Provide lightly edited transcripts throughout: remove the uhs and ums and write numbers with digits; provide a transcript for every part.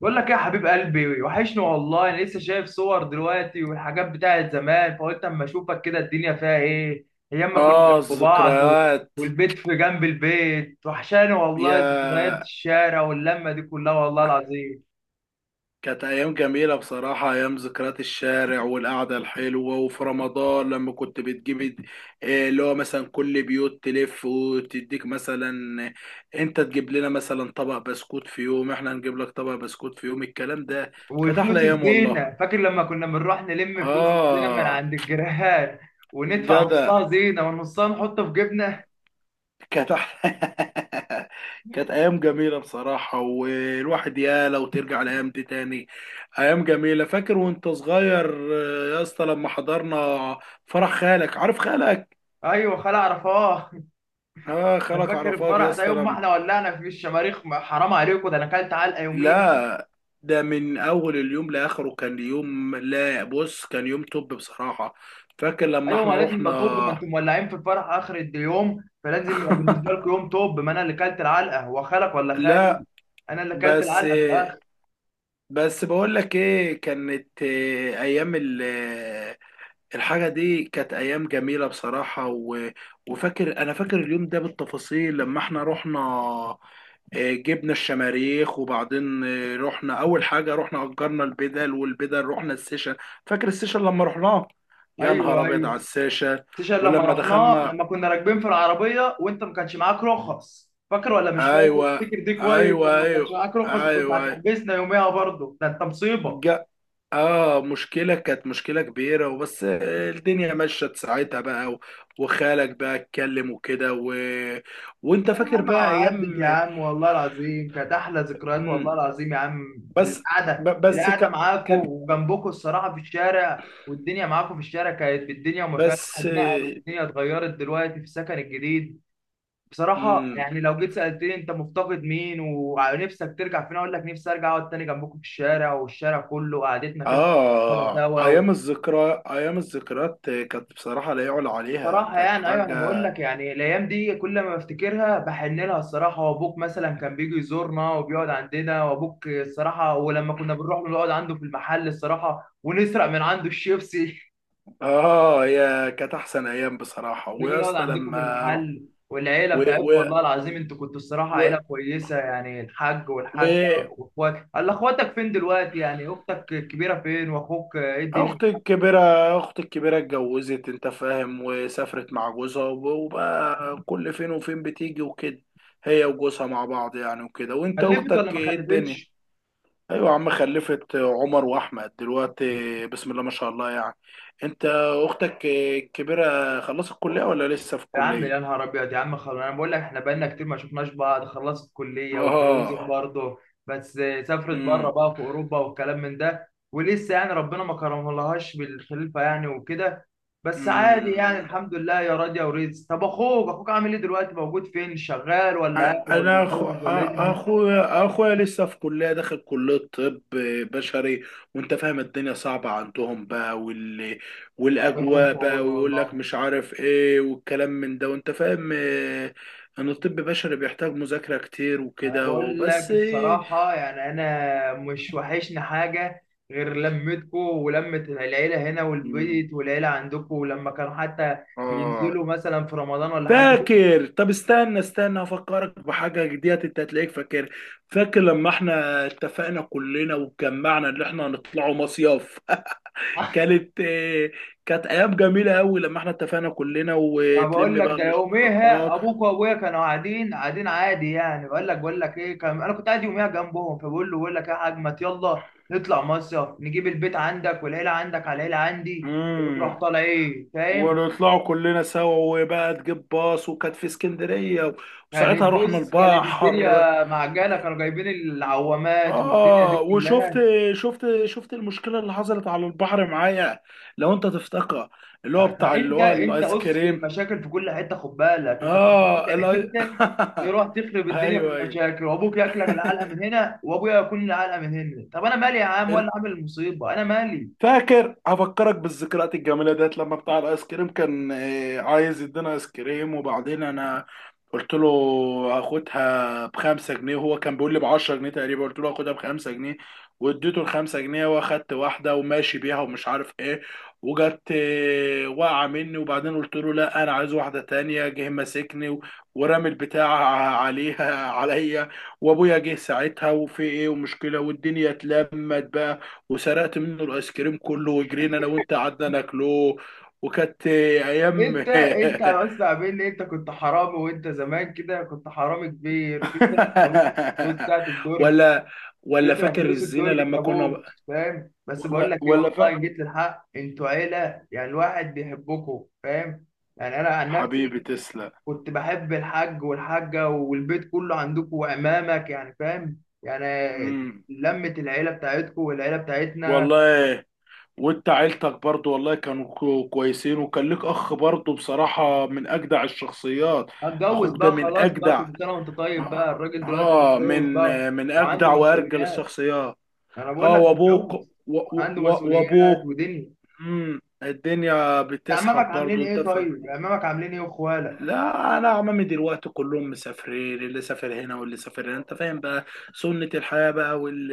بقول لك إيه يا حبيب قلبي، وحشني والله. انا لسه شايف صور دلوقتي والحاجات بتاعت زمان، فقلت اما اشوفك كده الدنيا فيها ايه. ايام ما كنا اه، جنب بعض الذكريات. والبيت في جنب البيت، وحشاني والله يا ذكريات الشارع واللمه دي كلها، والله العظيم. كانت ايام جميله بصراحه، ايام ذكريات الشارع والقعده الحلوه، وفي رمضان لما كنت إيه اللي هو مثلا كل بيوت تلف وتديك. مثلا انت تجيب لنا مثلا طبق بسكوت في يوم، احنا نجيب لك طبق بسكوت في يوم، الكلام ده. كانت احلى وفلوس ايام والله. الزينه، فاكر لما كنا بنروح نلم فلوس الزينه من اه. عند الجيران وندفع جدع. نصها زينه ونصها نحطه في جيبنا. كانت واحدة. كانت أيام جميلة بصراحة، والواحد يا لو ترجع الأيام دي تاني. أيام جميلة، فاكر وأنت صغير؟ يا اسطى لما حضرنا فرح خالك، عارف خالك؟ ايوه، خلع عرفاه. آه، ده خالك فاكر عرفات يا الفرح ده، اسطى يوم ما لم... احنا ولعنا في الشماريخ؟ حرام عليكم، ده انا اكلت علقه يوميها. لا. ده من أول اليوم لآخره كان يوم، لا بص، كان يوم توب بصراحة. فاكر لما ايوه ما احنا لازم رحنا. يبقى، طب ما انتم مولعين في الفرح اخر اليوم فلازم يبقى بالنسبه لكم يوم. طب ما انا اللي كلت العلقه، هو خالك ولا خالي؟ لا. انا اللي كلت بس العلقه في الاخر. بس بقول لك ايه، كانت آه، ايام ال الحاجة دي كانت أيام جميلة بصراحة و... وفاكر أنا فاكر اليوم ده بالتفاصيل لما احنا رحنا. جبنا الشماريخ، وبعدين رحنا. أول حاجة رحنا أجرنا البدل، والبدل رحنا السيشن. فاكر السيشن لما رحناه؟ يا نهار ايوه أبيض ايوه. على السيشن. سيشن لما ولما رحناه، دخلنا، لما كنا راكبين في العربيه وانت ما كانش معاك رخص، فاكر ولا مش فاكر؟ أيوه، فاكر دي كويس، أيوه، لما ما كانش أيوه، معاك رخص كنت أيوه. هتحبسنا يوميها برضه، ده انت مصيبه. اه مشكلة، كانت مشكلة كبيرة، وبس الدنيا مشت ساعتها بقى، وخالك بقى اتكلم وكده و... وانت يا فاكر عم بقى عدت يا ايام. عم، والله العظيم كانت احلى ذكريات، والله مم. العظيم يا عم بس القعده ب- بس القعده ك... معاكم كان وجنبكم الصراحه في الشارع، والدنيا معاكم في الشارع كانت بالدنيا وما فيها. بس الواحد نقل والدنيا اتغيرت دلوقتي في السكن الجديد. بصراحه مم. يعني لو جيت سالتني انت مفتقد مين ونفسك ترجع فين، اقول لك نفسي ارجع اقعد تاني جنبكم في الشارع، والشارع كله قعدتنا كده. طبعا اه سوا. ايام الذكريات كانت بصراحة لا يعلى عليها، صراحة كانت يعني، أيوة أنا بقول حاجة. لك يعني الأيام دي كل ما بفتكرها بحن لها الصراحة. وأبوك مثلا كان بيجي يزورنا وبيقعد عندنا، وأبوك الصراحة ولما كنا بنروح نقعد عنده في المحل الصراحة ونسرق من عنده الشيبسي اه، هي كانت احسن ايام بصراحة. نيجي ويا نقعد اسطى عندكم في لما رحت، المحل والعيلة و... بتاعتكم، و... والله العظيم أنتوا كنتوا الصراحة و... عيلة كويسة يعني الحاج و... والحاجة وإخوات. قال أخواتك فين دلوقتي؟ يعني أختك الكبيرة فين، وأخوك إيه الدنيا؟ اختي الكبيرة اختي الكبيرة اتجوزت، انت فاهم، وسافرت مع جوزها، وبقى كل فين وفين بتيجي وكده. هي وجوزها مع بعض يعني وكده. وانت خلفت ولا اختك ما ايه الدنيا؟ خلفتش؟ ايوه يا عم، خلفت عمر واحمد دلوقتي، بسم الله ما شاء الله يعني. انت اختك الكبيرة خلصت الكلية ولا لسه في يا عم، الكلية؟ يا نهار ابيض يا عم، خلاص انا بقول لك احنا بقالنا كتير ما شفناش بعض. خلصت كليه اه. واتجوزت برضه. بس سافرت بره بقى في اوروبا والكلام من ده، ولسه يعني ربنا ما كرمهالهاش بالخلفه يعني وكده. بس عادي يعني امم الحمد لله يا راضيه ورزق. طب اخوك عامل ايه دلوقتي، موجود فين؟ شغال ولا قاعد ولا انا أخو... متجوز ولا ايه دنيته؟ اخويا لسه في كليه، داخل كليه طب بشري. وانت فاهم الدنيا صعبه عندهم بقى الله يكون والاجواء في بقى، عونه ويقول لك والله. مش عارف ايه والكلام من ده، وانت فاهم. ان الطب البشري بيحتاج مذاكره كتير انا وكده. بقول لك وبس إيه. الصراحه، يعني انا مش وحشني حاجه غير لمتكو ولمه العيله هنا مم، والبيت والعيله عندكو، ولما كانوا حتى اه ينزلوا مثلا في رمضان ولا حاجه كده. فاكر. طب استنى استنى، افكرك بحاجه جديده، انت هتلاقيك فاكر. فاكر لما احنا اتفقنا كلنا واتجمعنا ان احنا هنطلعوا مصيف؟ كانت كانت ايام جميله قوي، لما احنا اتفقنا كلنا يعني بقول وتلم لك بقى ده يوميها الاشتراكات. ابوك وابويا كانوا قاعدين قاعدين عادي يعني، بقول لك ايه كان، انا كنت قاعد يوميها جنبهم فبقول له بقول لك ايه يا حاج، ما يلا نطلع مصيف، نجيب البيت عندك والعيله عندك على العيله عندي وتروح امم طالع ايه، فاهم؟ ونطلعوا كلنا سوا، وبقى تجيب باص، وكانت في اسكندريه، كانت، وساعتها رحنا بص، كانت البحر. الدنيا معجنه، كانوا جايبين العوامات والدنيا دي اه وشفت، كلها. شفت المشكله اللي حصلت على البحر معايا، لو انت تفتكر، اللي هو بتاع اللي انت هو انت الايس قص كريم. المشاكل في كل حته، خد بالك انت كنت في اه كل الاي حته تروح تخرب الدنيا في ايوه، ايوه. المشاكل، وابوك ياكلك العلقه من هنا وابويا ياكلني العلقه من هنا. طب انا مالي يا عم، ولا عامل المصيبه انا مالي؟ فاكر، هفكرك بالذكريات الجميله ديت، لما بتاع الايس كريم كان عايز يدينا ايس كريم. وبعدين انا قلت له هاخدها بخمسة جنيه، وهو كان بيقول لي بعشرة جنيه تقريبا، قلت له هاخدها بخمسة جنيه، واديته الخمسة جنيه، واخدت واحدة وماشي بيها ومش عارف ايه. وجت واقعة مني، وبعدين قلت له لا، انا عايز واحدة تانية، جه ماسكني ورمي البتاع عليا. وابويا جه ساعتها، وفي ايه، ومشكلة، والدنيا اتلمت بقى، وسرقت منه الايس كريم كله، وجرينا انا وانت، قعدنا ناكله. وكانت ايام. انت بس قابلني، انت كنت حرامي، وانت زمان كده كنت حرامي كبير، تسرق ابوك فلوس بتاعت الدرج، ولا ولا تدفع فاكر فلوس الزينه الدرج لما كنا، لابوك، فاهم؟ بس بقول ولا لك ايه، ولا فا... والله جيت للحق، انتوا عيله يعني الواحد بيحبكم فاهم. يعني انا عن نفسي حبيبي تسلم. كنت بحب الحاج والحاجه والبيت كله عندكم وعمامك يعني فاهم، يعني امم لمه العيله بتاعتكم والعيله بتاعتنا. والله. وانت عيلتك برضو والله كانوا كويسين، وكان لك اخ برضو بصراحه من اجدع الشخصيات. هتجوز اخوك ده بقى من خلاص بقى، اجدع. كل سنه وانت طيب اه، بقى، الراجل دلوقتي آه، من متجوز بقى من وعنده اجدع وارجل مسؤوليات. الشخصيات. انا بقول اه، لك وابوك و- متجوز و- وعنده و- مسؤوليات وابوك. ودنيا. الدنيا عمامك بتسحب عاملين برضه انت ايه؟ فاهم. طيب عمامك عاملين ايه واخوالك؟ لا، انا عمامي دلوقتي كلهم مسافرين، اللي سافر هنا واللي سافر هنا، انت فاهم بقى. سنة الحياة بقى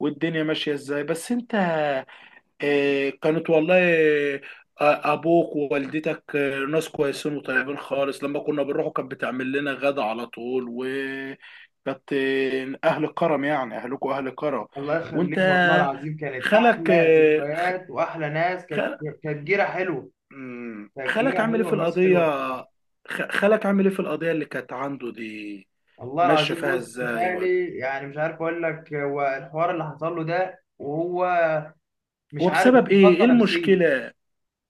والدنيا ماشية ازاي، بس انت. آه، كانت والله آه، ابوك ووالدتك ناس كويسين وطيبين خالص، لما كنا بنروحوا كانت بتعمل لنا غدا على طول، وكانت اهل كرم، يعني اهلكوا اهل كرم. الله وانت يخليك، والله العظيم كانت خالك احلى آه، ذكريات واحلى ناس، كانت جيره حلوه. مم. كانت خالك جيره عامل ايه حلوه في وناس القضية؟ حلوه الصراحه. خالك عامل ايه في القضية اللي كانت عنده دي؟ والله ماشية العظيم، فيها بص ازاي ولا؟ خالي يعني مش عارف اقول لك، هو الحوار اللي حصل له ده وهو مش عارف وبسبب ايه، ايه يتخطى نفسيا. المشكلة؟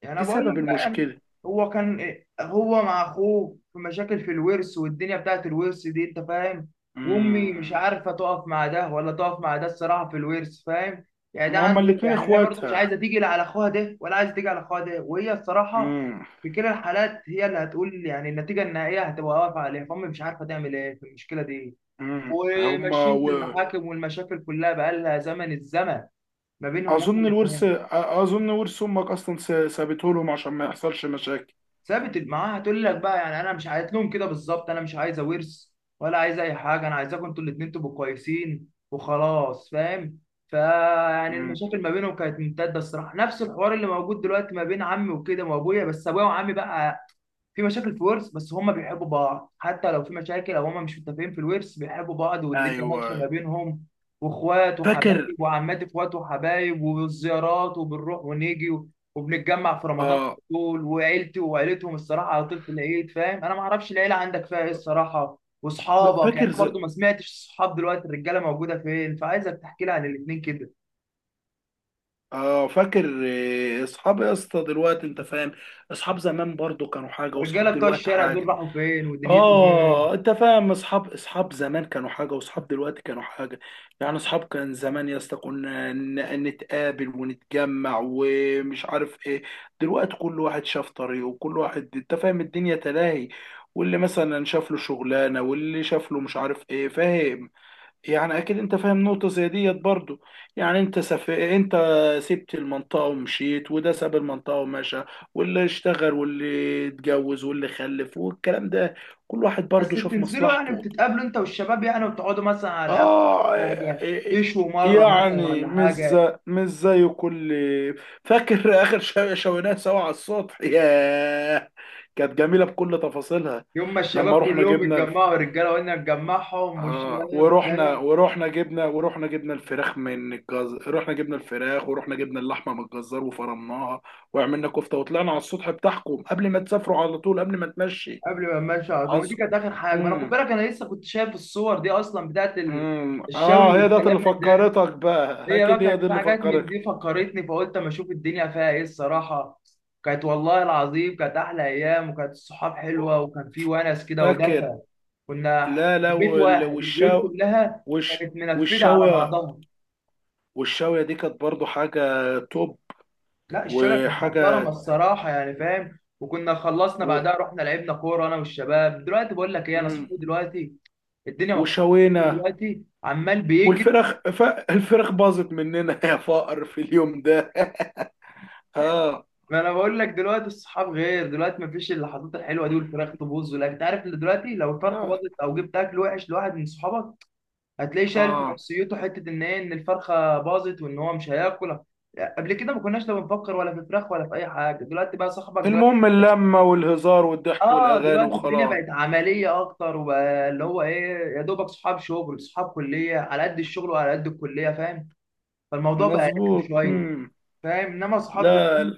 يعني انا ايه بقول لك سبب بقى يعني، المشكلة؟ هو كان هو مع اخوه في مشاكل في الورث والدنيا بتاعت الورث دي، انت فاهم. وامي مش مم. عارفه تقف مع ده ولا تقف مع ده الصراحه في الورث، فاهم؟ يعني ده ما هما عنده، الاتنين يعني هي برضه مش اخواتها. عايزه تيجي لا على اخوها ده ولا عايزه تيجي على اخوها ده، وهي الصراحه مم. في كلا الحالات هي اللي هتقول، يعني النتيجه النهائيه هتبقى واقفه عليها، فامي مش عارفه تعمل ايه في المشكله دي. مم. هما وماشيين في و... المحاكم والمشاكل كلها، بقى لها زمن الزمن ما بينهم هما اظن الورث أ- الاثنين. اظن ورث امك اصلا سابته لهم عشان ما يحصلش مشاكل. ثابت معاها هتقول لك بقى يعني انا مش، قالت لهم كده بالظبط، انا مش عايزه ورث ولا عايزه اي حاجه، انا عايزاكم انتوا الاتنين تبقوا كويسين وخلاص فاهم. فيعني مم. المشاكل ما بينهم كانت ممتده الصراحه، نفس الحوار اللي موجود دلوقتي ما بين عمي وكده وابويا، بس ابويا وعمي بقى في مشاكل في ورث، بس هما بيحبوا بعض حتى لو في مشاكل او هما مش متفقين في الورث، بيحبوا بعض والدنيا ايوه ماشيه ما بينهم. واخوات فاكر. وحبايب وعمات، اخوات وحبايب والزيارات، وبنروح ونيجي وبنتجمع في رمضان على اه طول، وعيلتي وعيلتهم الصراحه على طول في العيد، فاهم؟ انا ما اعرفش العيله عندك فيها ايه الصراحه، واصحابك يعني فاكر. انا برضو ما سمعتش، الصحاب دلوقتي الرجاله موجوده فين؟ فعايزك تحكي لي عن الاثنين كده. اه فاكر. اصحاب يا اسطى دلوقتي انت فاهم. اصحاب زمان برضو كانوا حاجه، الرجاله واصحاب بتوع دلوقتي الشارع دول حاجه. راحوا فين ودنيتهم ايه؟ اه انت فاهم، اصحاب، اصحاب زمان كانوا حاجه، واصحاب دلوقتي كانوا حاجه. يعني اصحاب كان زمان يا اسطى كنا نتقابل ونتجمع ومش عارف ايه. دلوقتي كل واحد شاف طريقه، وكل واحد انت فاهم الدنيا تلاهي، واللي مثلا شاف له شغلانه، واللي شاف له مش عارف ايه، فاهم، يعني اكيد انت فاهم نقطة زي ديت برضو. يعني انت سبت المنطقة ومشيت، وده ساب المنطقة ومشى، واللي اشتغل واللي اتجوز واللي خلف والكلام ده، كل واحد برضو بس شاف بتنزلوا يعني، مصلحته. بتتقابلوا انت والشباب يعني وتقعدوا مثلا على القهوة اه. ولا حاجة، إيه- تشوا مرة مثلا يعني ولا مش حاجة؟ زي مش زي كل. فاكر؟ اخر شوينات سوا على السطح، ياه، كانت جميلة بكل تفاصيلها. يوم ما لما الشباب رحنا كلهم جبنا، اتجمعوا الرجالة، وقلنا نجمعهم اه، والشباب فاهم، ورحنا جبنا الفراخ من الجزار، رحنا جبنا الفراخ، ورحنا جبنا اللحمه من الجزار، وفرمناها وعملنا كفته، وطلعنا على السطح بتاعكم قبل ما تسافروا على طول، قبل ما تمشي. قبل ما الماتش على طول، ما دي عصر. كانت آخر حاجة. ما أنا خد امم بالك أنا لسه كنت شايف الصور دي أصلا بتاعت الشوي اه، هي ده والكلام اللي من ده. فكرتك بقى هي بقى اكيد، هي كانت دي في اللي حاجات من فكرتك. دي فكرتني، فقلت اما اشوف الدنيا فيها ايه الصراحه. كانت، والله العظيم كانت احلى ايام، وكانت الصحاب حلوه، وكان في ونس كده فاكر. ودفى، كنا لا، في لا، بيت واحد، البيوت كلها كانت منفذه على والشاويه، بعضها. والشاويه دي كانت برضو حاجه توب. لا، الشقه كانت محترمه وحاجه الصراحه يعني فاهم. وكنا خلصنا و... بعدها رحنا لعبنا كوره انا والشباب. دلوقتي بقول لك ايه، انا امم صحابي دلوقتي الدنيا مختلفه، وشوينا، دلوقتي عمال بيجري. والفرخ ف... الفرخ باظت مننا يا فقر في اليوم ده. ها. ما انا بقول لك دلوقتي الصحاب غير، دلوقتي مفيش اللحظات الحلوه دي، والفراخ تبوظ ولا انت عارف، اللي دلوقتي لو الفرخه اه. باظت او جبت اكل وحش لواحد من صحابك، هتلاقيه شايل في آه. نفسيته حته، ان ايه، ان الفرخه باظت وان هو مش هياكل. قبل كده ما كناش لا بنفكر ولا في فراخ ولا في اي حاجه، دلوقتي بقى صاحبك دلوقتي. المهم اللمة والهزار والضحك اه والأغاني دلوقتي الدنيا وخلاص. بقت عمليه اكتر، وبقى اللي هو ايه، يا دوبك صحاب شغل صحاب كليه، على قد الشغل وعلى قد الكليه فاهم، فالموضوع بقى رخم مظبوط. شويه. مم. فاهم، انما صحاب لا، لا.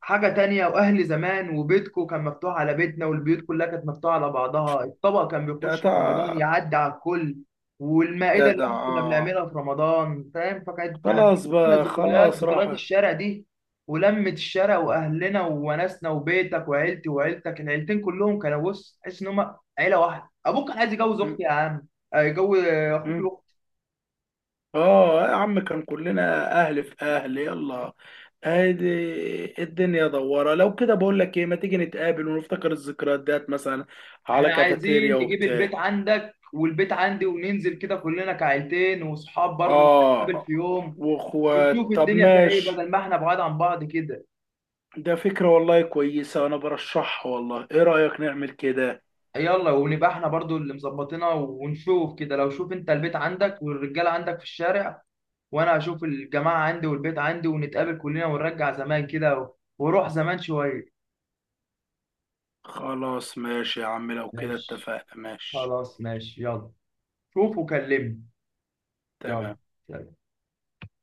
حاجة تانية، وأهل زمان، وبيتكو كان مفتوح على بيتنا، والبيوت كلها كانت مفتوحة على بعضها، الطبق كان بيخش في رمضان جدع، يعدي على الكل، والمائدة اللي جدع، احنا كنا آه. بنعملها في رمضان فاهم، فكانت يعني خلاص احلى بقى، ذكريات، خلاص ذكريات راح. الشارع دي. ولمة الشارع وأهلنا ووناسنا وبيتك، وعيلتي وعيلتك العيلتين كلهم كانوا، بص، تحس إن هما عيلة واحدة. أبوك كان عايز يجوز مم. أختي يا عم، يجوز أخوك. مم. اه يا عم، كان كلنا أهل في أهل. يلا، ادي الدنيا دوارة، لو كده بقول لك ايه، ما تيجي نتقابل ونفتكر الذكريات ديت مثلا، على احنا عايزين كافيتيريا نجيب وبتاع. البيت عندك والبيت عندي وننزل كده كلنا كعيلتين، وصحاب برضه نتقابل آه، في يوم، وأخوات. ونشوف طب الدنيا فيها ايه ماشي. بدل ما احنا بعاد عن بعض كده. ده فكرة والله كويسة، أنا برشحها والله، إيه رأيك نعمل كده؟ يلا، ونبقى احنا برضه اللي مظبطينها، ونشوف كده. لو، شوف انت البيت عندك والرجاله عندك في الشارع، وانا هشوف الجماعه عندي والبيت عندي، ونتقابل كلنا ونرجع زمان كده وروح زمان شويه. خلاص ماشي يا عم، لو كده ماشي. اتفقنا، ماشي. خلاص ماشي، يلا. شوف وكلمني. يلا. تمام. سلام.